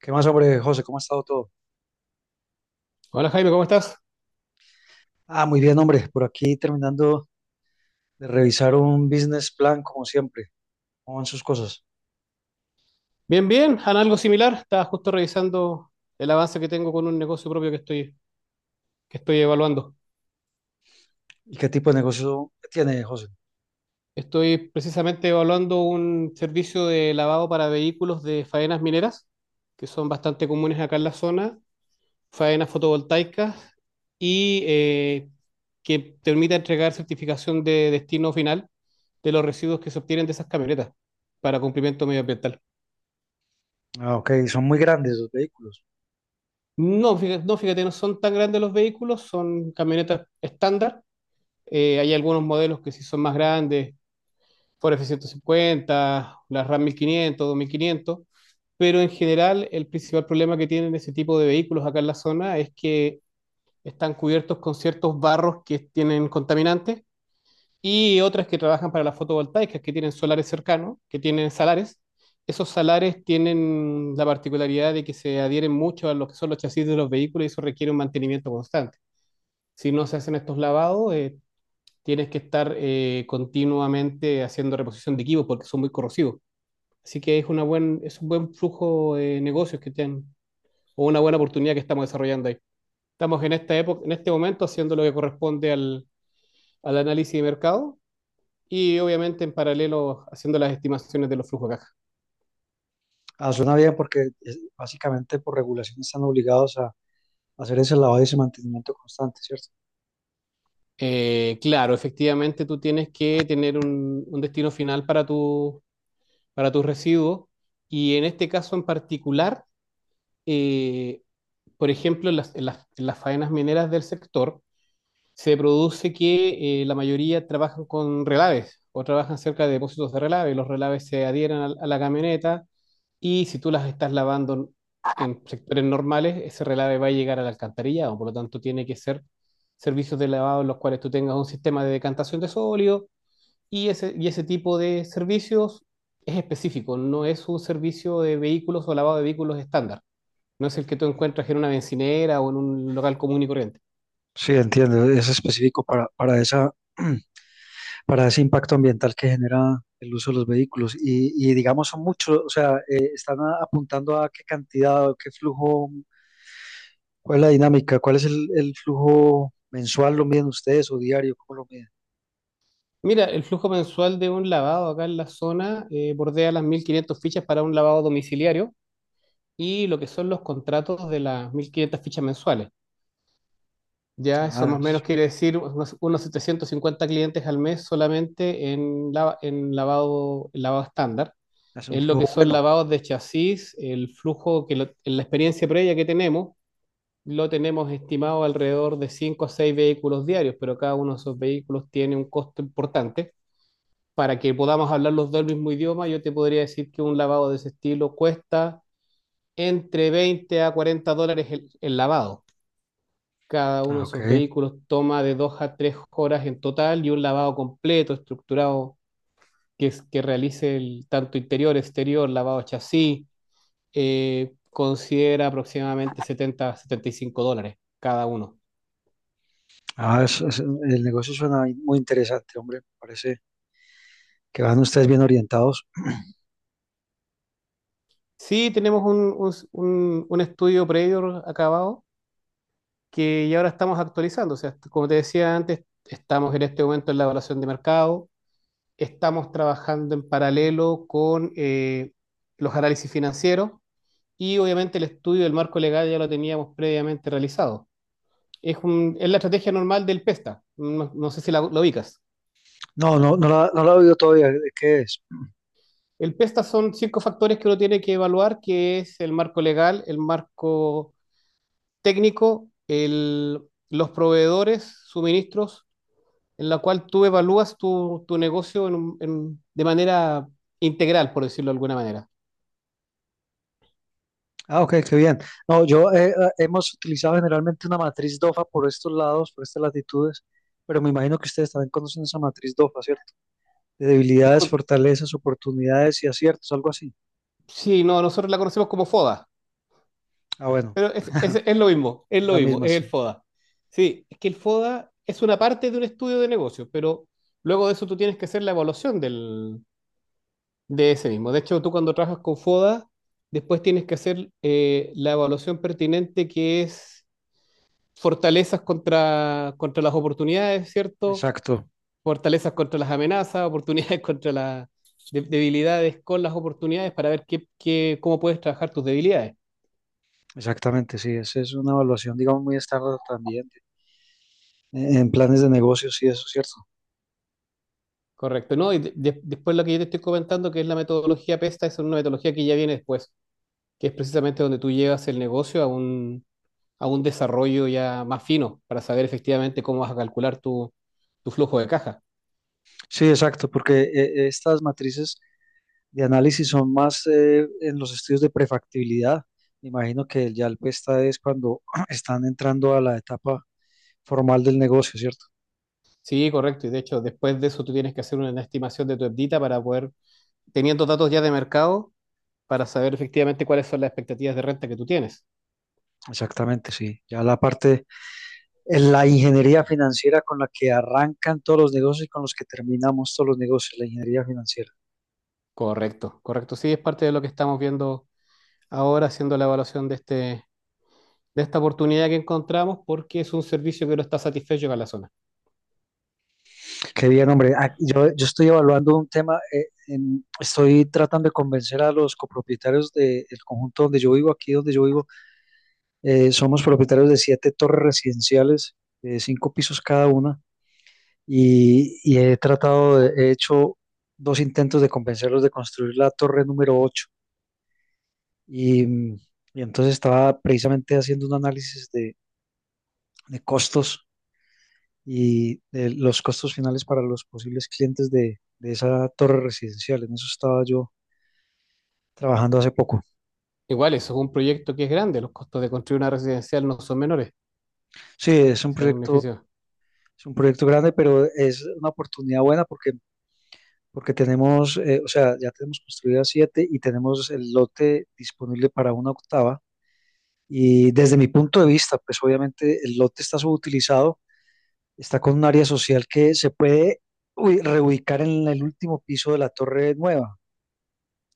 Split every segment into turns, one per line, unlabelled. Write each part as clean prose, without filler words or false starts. ¿Qué más, hombre, José? ¿Cómo ha estado todo?
Hola Jaime, ¿cómo estás?
Ah, muy bien, hombre. Por aquí terminando de revisar un business plan, como siempre. ¿Cómo van sus cosas?
Bien, bien, en algo similar. Estaba justo revisando el avance que tengo con un negocio propio que estoy evaluando.
¿Y qué tipo de negocio tiene, José?
Estoy precisamente evaluando un servicio de lavado para vehículos de faenas mineras, que son bastante comunes acá en la zona, faenas fotovoltaicas y que permita entregar certificación de destino final de los residuos que se obtienen de esas camionetas para cumplimiento medioambiental.
Ah, ok, son muy grandes los vehículos.
No, fíjate, no, fíjate, no son tan grandes los vehículos, son camionetas estándar. Hay algunos modelos que sí son más grandes, Ford F-150, la Ram 1500, 2500, pero en general el principal problema que tienen ese tipo de vehículos acá en la zona es que están cubiertos con ciertos barros que tienen contaminantes y otras que trabajan para las fotovoltaicas, que tienen solares cercanos, que tienen salares. Esos salares tienen la particularidad de que se adhieren mucho a lo que son los chasis de los vehículos y eso requiere un mantenimiento constante. Si no se hacen estos lavados, tienes que estar continuamente haciendo reposición de equipos porque son muy corrosivos. Así que es un buen flujo de negocios que tienen o una buena oportunidad que estamos desarrollando ahí. Estamos en esta época, en este momento haciendo lo que corresponde al análisis de mercado y obviamente en paralelo haciendo las estimaciones de los flujos de caja.
Ah, suena bien porque básicamente por regulación están obligados a hacer ese lavado y ese mantenimiento constante, ¿cierto?
Claro, efectivamente tú tienes que tener un destino final para para tus residuos y en este caso en particular, eh, por ejemplo, en las faenas mineras del sector, se produce que la mayoría trabajan con relaves o trabajan cerca de depósitos de relaves. Los relaves se adhieren a la camioneta y si tú las estás lavando en sectores normales, ese relave va a llegar al alcantarillado. Por lo tanto, tiene que ser servicios de lavado en los cuales tú tengas un sistema de decantación de sólido y ese tipo de servicios es específico, no es un servicio de vehículos o lavado de vehículos estándar. No es el que tú encuentras en una bencinera o en un local común y corriente.
Sí, entiendo. Es específico para esa, para ese impacto ambiental que genera el uso de los vehículos. Y digamos, son muchos, o sea, están apuntando a qué cantidad o qué flujo. ¿Cuál es la dinámica? ¿Cuál es el flujo mensual? ¿Lo miden ustedes o diario? ¿Cómo lo miden?
Mira, el flujo mensual de un lavado acá en la zona bordea las 1.500 fichas para un lavado domiciliario y lo que son los contratos de las 1.500 fichas mensuales. Ya eso
Ah,
más o menos quiere decir unos 750 clientes al mes solamente en, en lavado estándar.
es un
En lo que
flujo
son
bueno.
lavados de chasis, el flujo que lo- en la experiencia previa que tenemos, lo tenemos estimado alrededor de 5 a 6 vehículos diarios, pero cada uno de esos vehículos tiene un costo importante. Para que podamos hablar los dos el mismo idioma, yo te podría decir que un lavado de ese estilo cuesta entre 20 a $40 el lavado. Cada uno
Ah,
de esos
ok.
vehículos toma de 2 a 3 horas en total, y un lavado completo, estructurado, que realice tanto interior, exterior, lavado chasis, considera aproximadamente 70 a $75 cada uno.
Ah, el negocio suena muy interesante, hombre. Parece que van ustedes bien orientados.
Sí, tenemos un estudio previo acabado que ya ahora estamos actualizando. O sea, como te decía antes, estamos en este momento en la evaluación de mercado, estamos trabajando en paralelo con los análisis financieros, y obviamente el estudio del marco legal ya lo teníamos previamente realizado. Es la estrategia normal del PESTA, no, no sé si lo ubicas.
No, no, no la he oído todavía. ¿De ¿Qué es?
El PESTA son 5 factores que uno tiene que evaluar, que es el marco legal, el marco técnico, el, los proveedores, suministros, en la cual tú evalúas tu negocio en de manera integral, por decirlo de alguna manera.
Ah, ok, qué bien. No, yo hemos utilizado generalmente una matriz DOFA por estos lados, por estas latitudes, pero me imagino que ustedes también conocen esa matriz DOFA, ¿cierto? De debilidades,
Discul-
fortalezas, oportunidades y aciertos, algo así.
Sí, no, nosotros la conocemos como FODA,
Ah, bueno,
pero es lo mismo, es
es
lo
la
mismo,
misma,
es el
sí.
FODA. Sí, es que el FODA es una parte de un estudio de negocio, pero luego de eso tú tienes que hacer la evaluación de ese mismo. De hecho, tú cuando trabajas con FODA, después tienes que hacer la evaluación pertinente, que es fortalezas contra las oportunidades, ¿cierto?
Exacto.
Fortalezas contra las amenazas, oportunidades contra las debilidades, con las oportunidades, para ver cómo puedes trabajar tus debilidades.
Exactamente, sí, esa es una evaluación, digamos, muy estándar también en planes de negocios, sí, eso es cierto.
Correcto, ¿no? Y después lo que yo te estoy comentando, que es la metodología PESTA, es una metodología que ya viene después, que es precisamente donde tú llevas el negocio a a un desarrollo ya más fino para saber efectivamente cómo vas a calcular tu flujo de caja.
Sí, exacto, porque estas matrices de análisis son más en los estudios de prefactibilidad. Me imagino que el PESTA es cuando están entrando a la etapa formal del negocio, ¿cierto?
Sí, correcto. Y de hecho, después de eso tú tienes que hacer una estimación de tu EBITDA para poder, teniendo datos ya de mercado, para saber efectivamente cuáles son las expectativas de renta que tú tienes.
Exactamente, sí. Ya la parte, en la ingeniería financiera con la que arrancan todos los negocios y con los que terminamos todos los negocios, la ingeniería financiera.
Correcto, correcto. Sí, es parte de lo que estamos viendo ahora, haciendo la evaluación de este, de esta oportunidad que encontramos, porque es un servicio que no está satisfecho con la zona.
Qué bien, hombre. Ah, yo estoy evaluando un tema, estoy tratando de convencer a los copropietarios del conjunto donde yo vivo, aquí donde yo vivo. Somos propietarios de siete torres residenciales, de cinco pisos cada una, y he tratado, he hecho dos intentos de convencerlos de construir la torre número ocho. Y, y entonces estaba precisamente haciendo un análisis de costos y los costos finales para los posibles clientes de esa torre residencial. En eso estaba yo trabajando hace poco.
Igual, eso es un proyecto que es grande, los costos de construir una residencial no son menores, o
Sí,
sea, es un edificio.
es un proyecto grande, pero es una oportunidad buena porque, porque tenemos, o sea, ya tenemos construidas siete y tenemos el lote disponible para una octava. Y desde mi punto de vista, pues obviamente el lote está subutilizado, está con un área social que se puede uy, reubicar en el último piso de la torre nueva.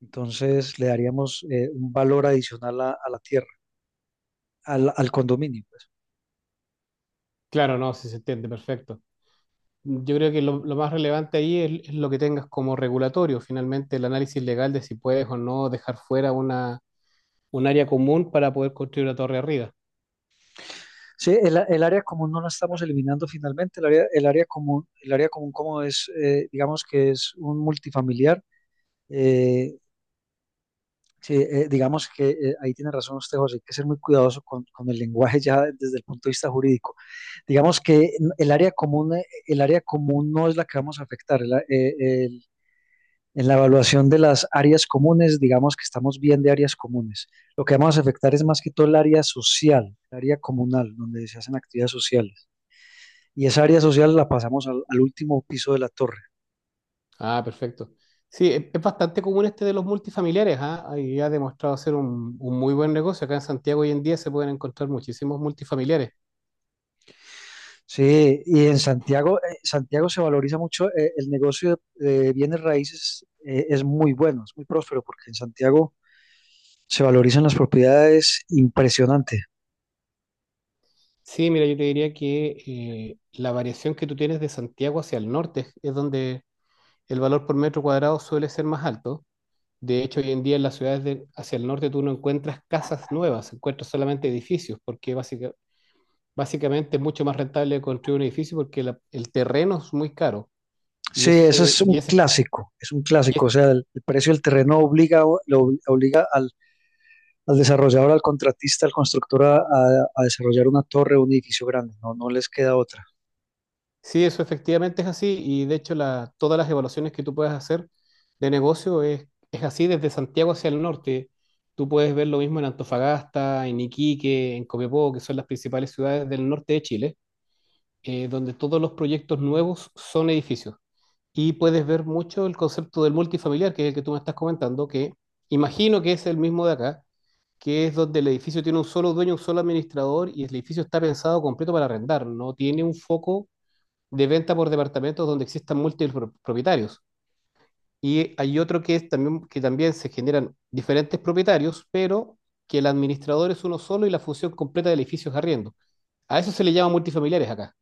Entonces le daríamos un valor adicional a la tierra, al condominio, pues.
Claro, no, sí se entiende, perfecto. Yo creo que lo más relevante ahí es lo que tengas como regulatorio, finalmente el análisis legal de si puedes o no dejar fuera un área común para poder construir una torre arriba.
Sí, el área común no la estamos eliminando finalmente. El área, el área común como es, digamos que es un multifamiliar. eh, sí, digamos que ahí tiene razón usted, José, hay que ser muy cuidadoso con el lenguaje ya desde el punto de vista jurídico. Digamos que el área común, no es la que vamos a afectar. El- En la evaluación de las áreas comunes, digamos que estamos bien de áreas comunes. Lo que vamos a afectar es más que todo el área social, el área comunal, donde se hacen actividades sociales. Y esa área social la pasamos al último piso de la torre.
Ah, perfecto. Sí, es bastante común este de los multifamiliares, ¿ah? Y ha demostrado ser un muy buen negocio. Acá en Santiago hoy en día se pueden encontrar muchísimos multifamiliares.
Sí, y en Santiago, Santiago se valoriza mucho, el negocio de bienes raíces es muy bueno, es muy próspero, porque en Santiago se valorizan las propiedades impresionante.
Sí, mira, yo te diría que la variación que tú tienes de Santiago hacia el norte es donde el valor por metro cuadrado suele ser más alto. De hecho, hoy en día en las ciudades hacia el norte tú no encuentras casas nuevas, encuentras solamente edificios, porque básicamente es mucho más rentable construir un edificio porque el terreno es muy caro. Y
Sí,
eso
eso
se- y ese,
es un
y
clásico, o
es-
sea, el precio del terreno obliga, lo obliga al al desarrollador, al contratista, al constructor a, a desarrollar una torre, un edificio grande, no, no les queda otra.
Sí, eso efectivamente es así, y de hecho todas las evaluaciones que tú puedes hacer de negocio es así desde Santiago hacia el norte. Tú puedes ver lo mismo en Antofagasta, en Iquique, en Copiapó, que son las principales ciudades del norte de Chile, donde todos los proyectos nuevos son edificios. Y puedes ver mucho el concepto del multifamiliar, que es el que tú me estás comentando, que imagino que es el mismo de acá, que es donde el edificio tiene un solo dueño, un solo administrador, y el edificio está pensado completo para arrendar, no tiene un foco de venta por departamentos donde existan múltiples propietarios. Y hay otro que es también, que también se generan diferentes propietarios, pero que el administrador es uno solo y la función completa del edificio es arriendo. A eso se le llama multifamiliares acá.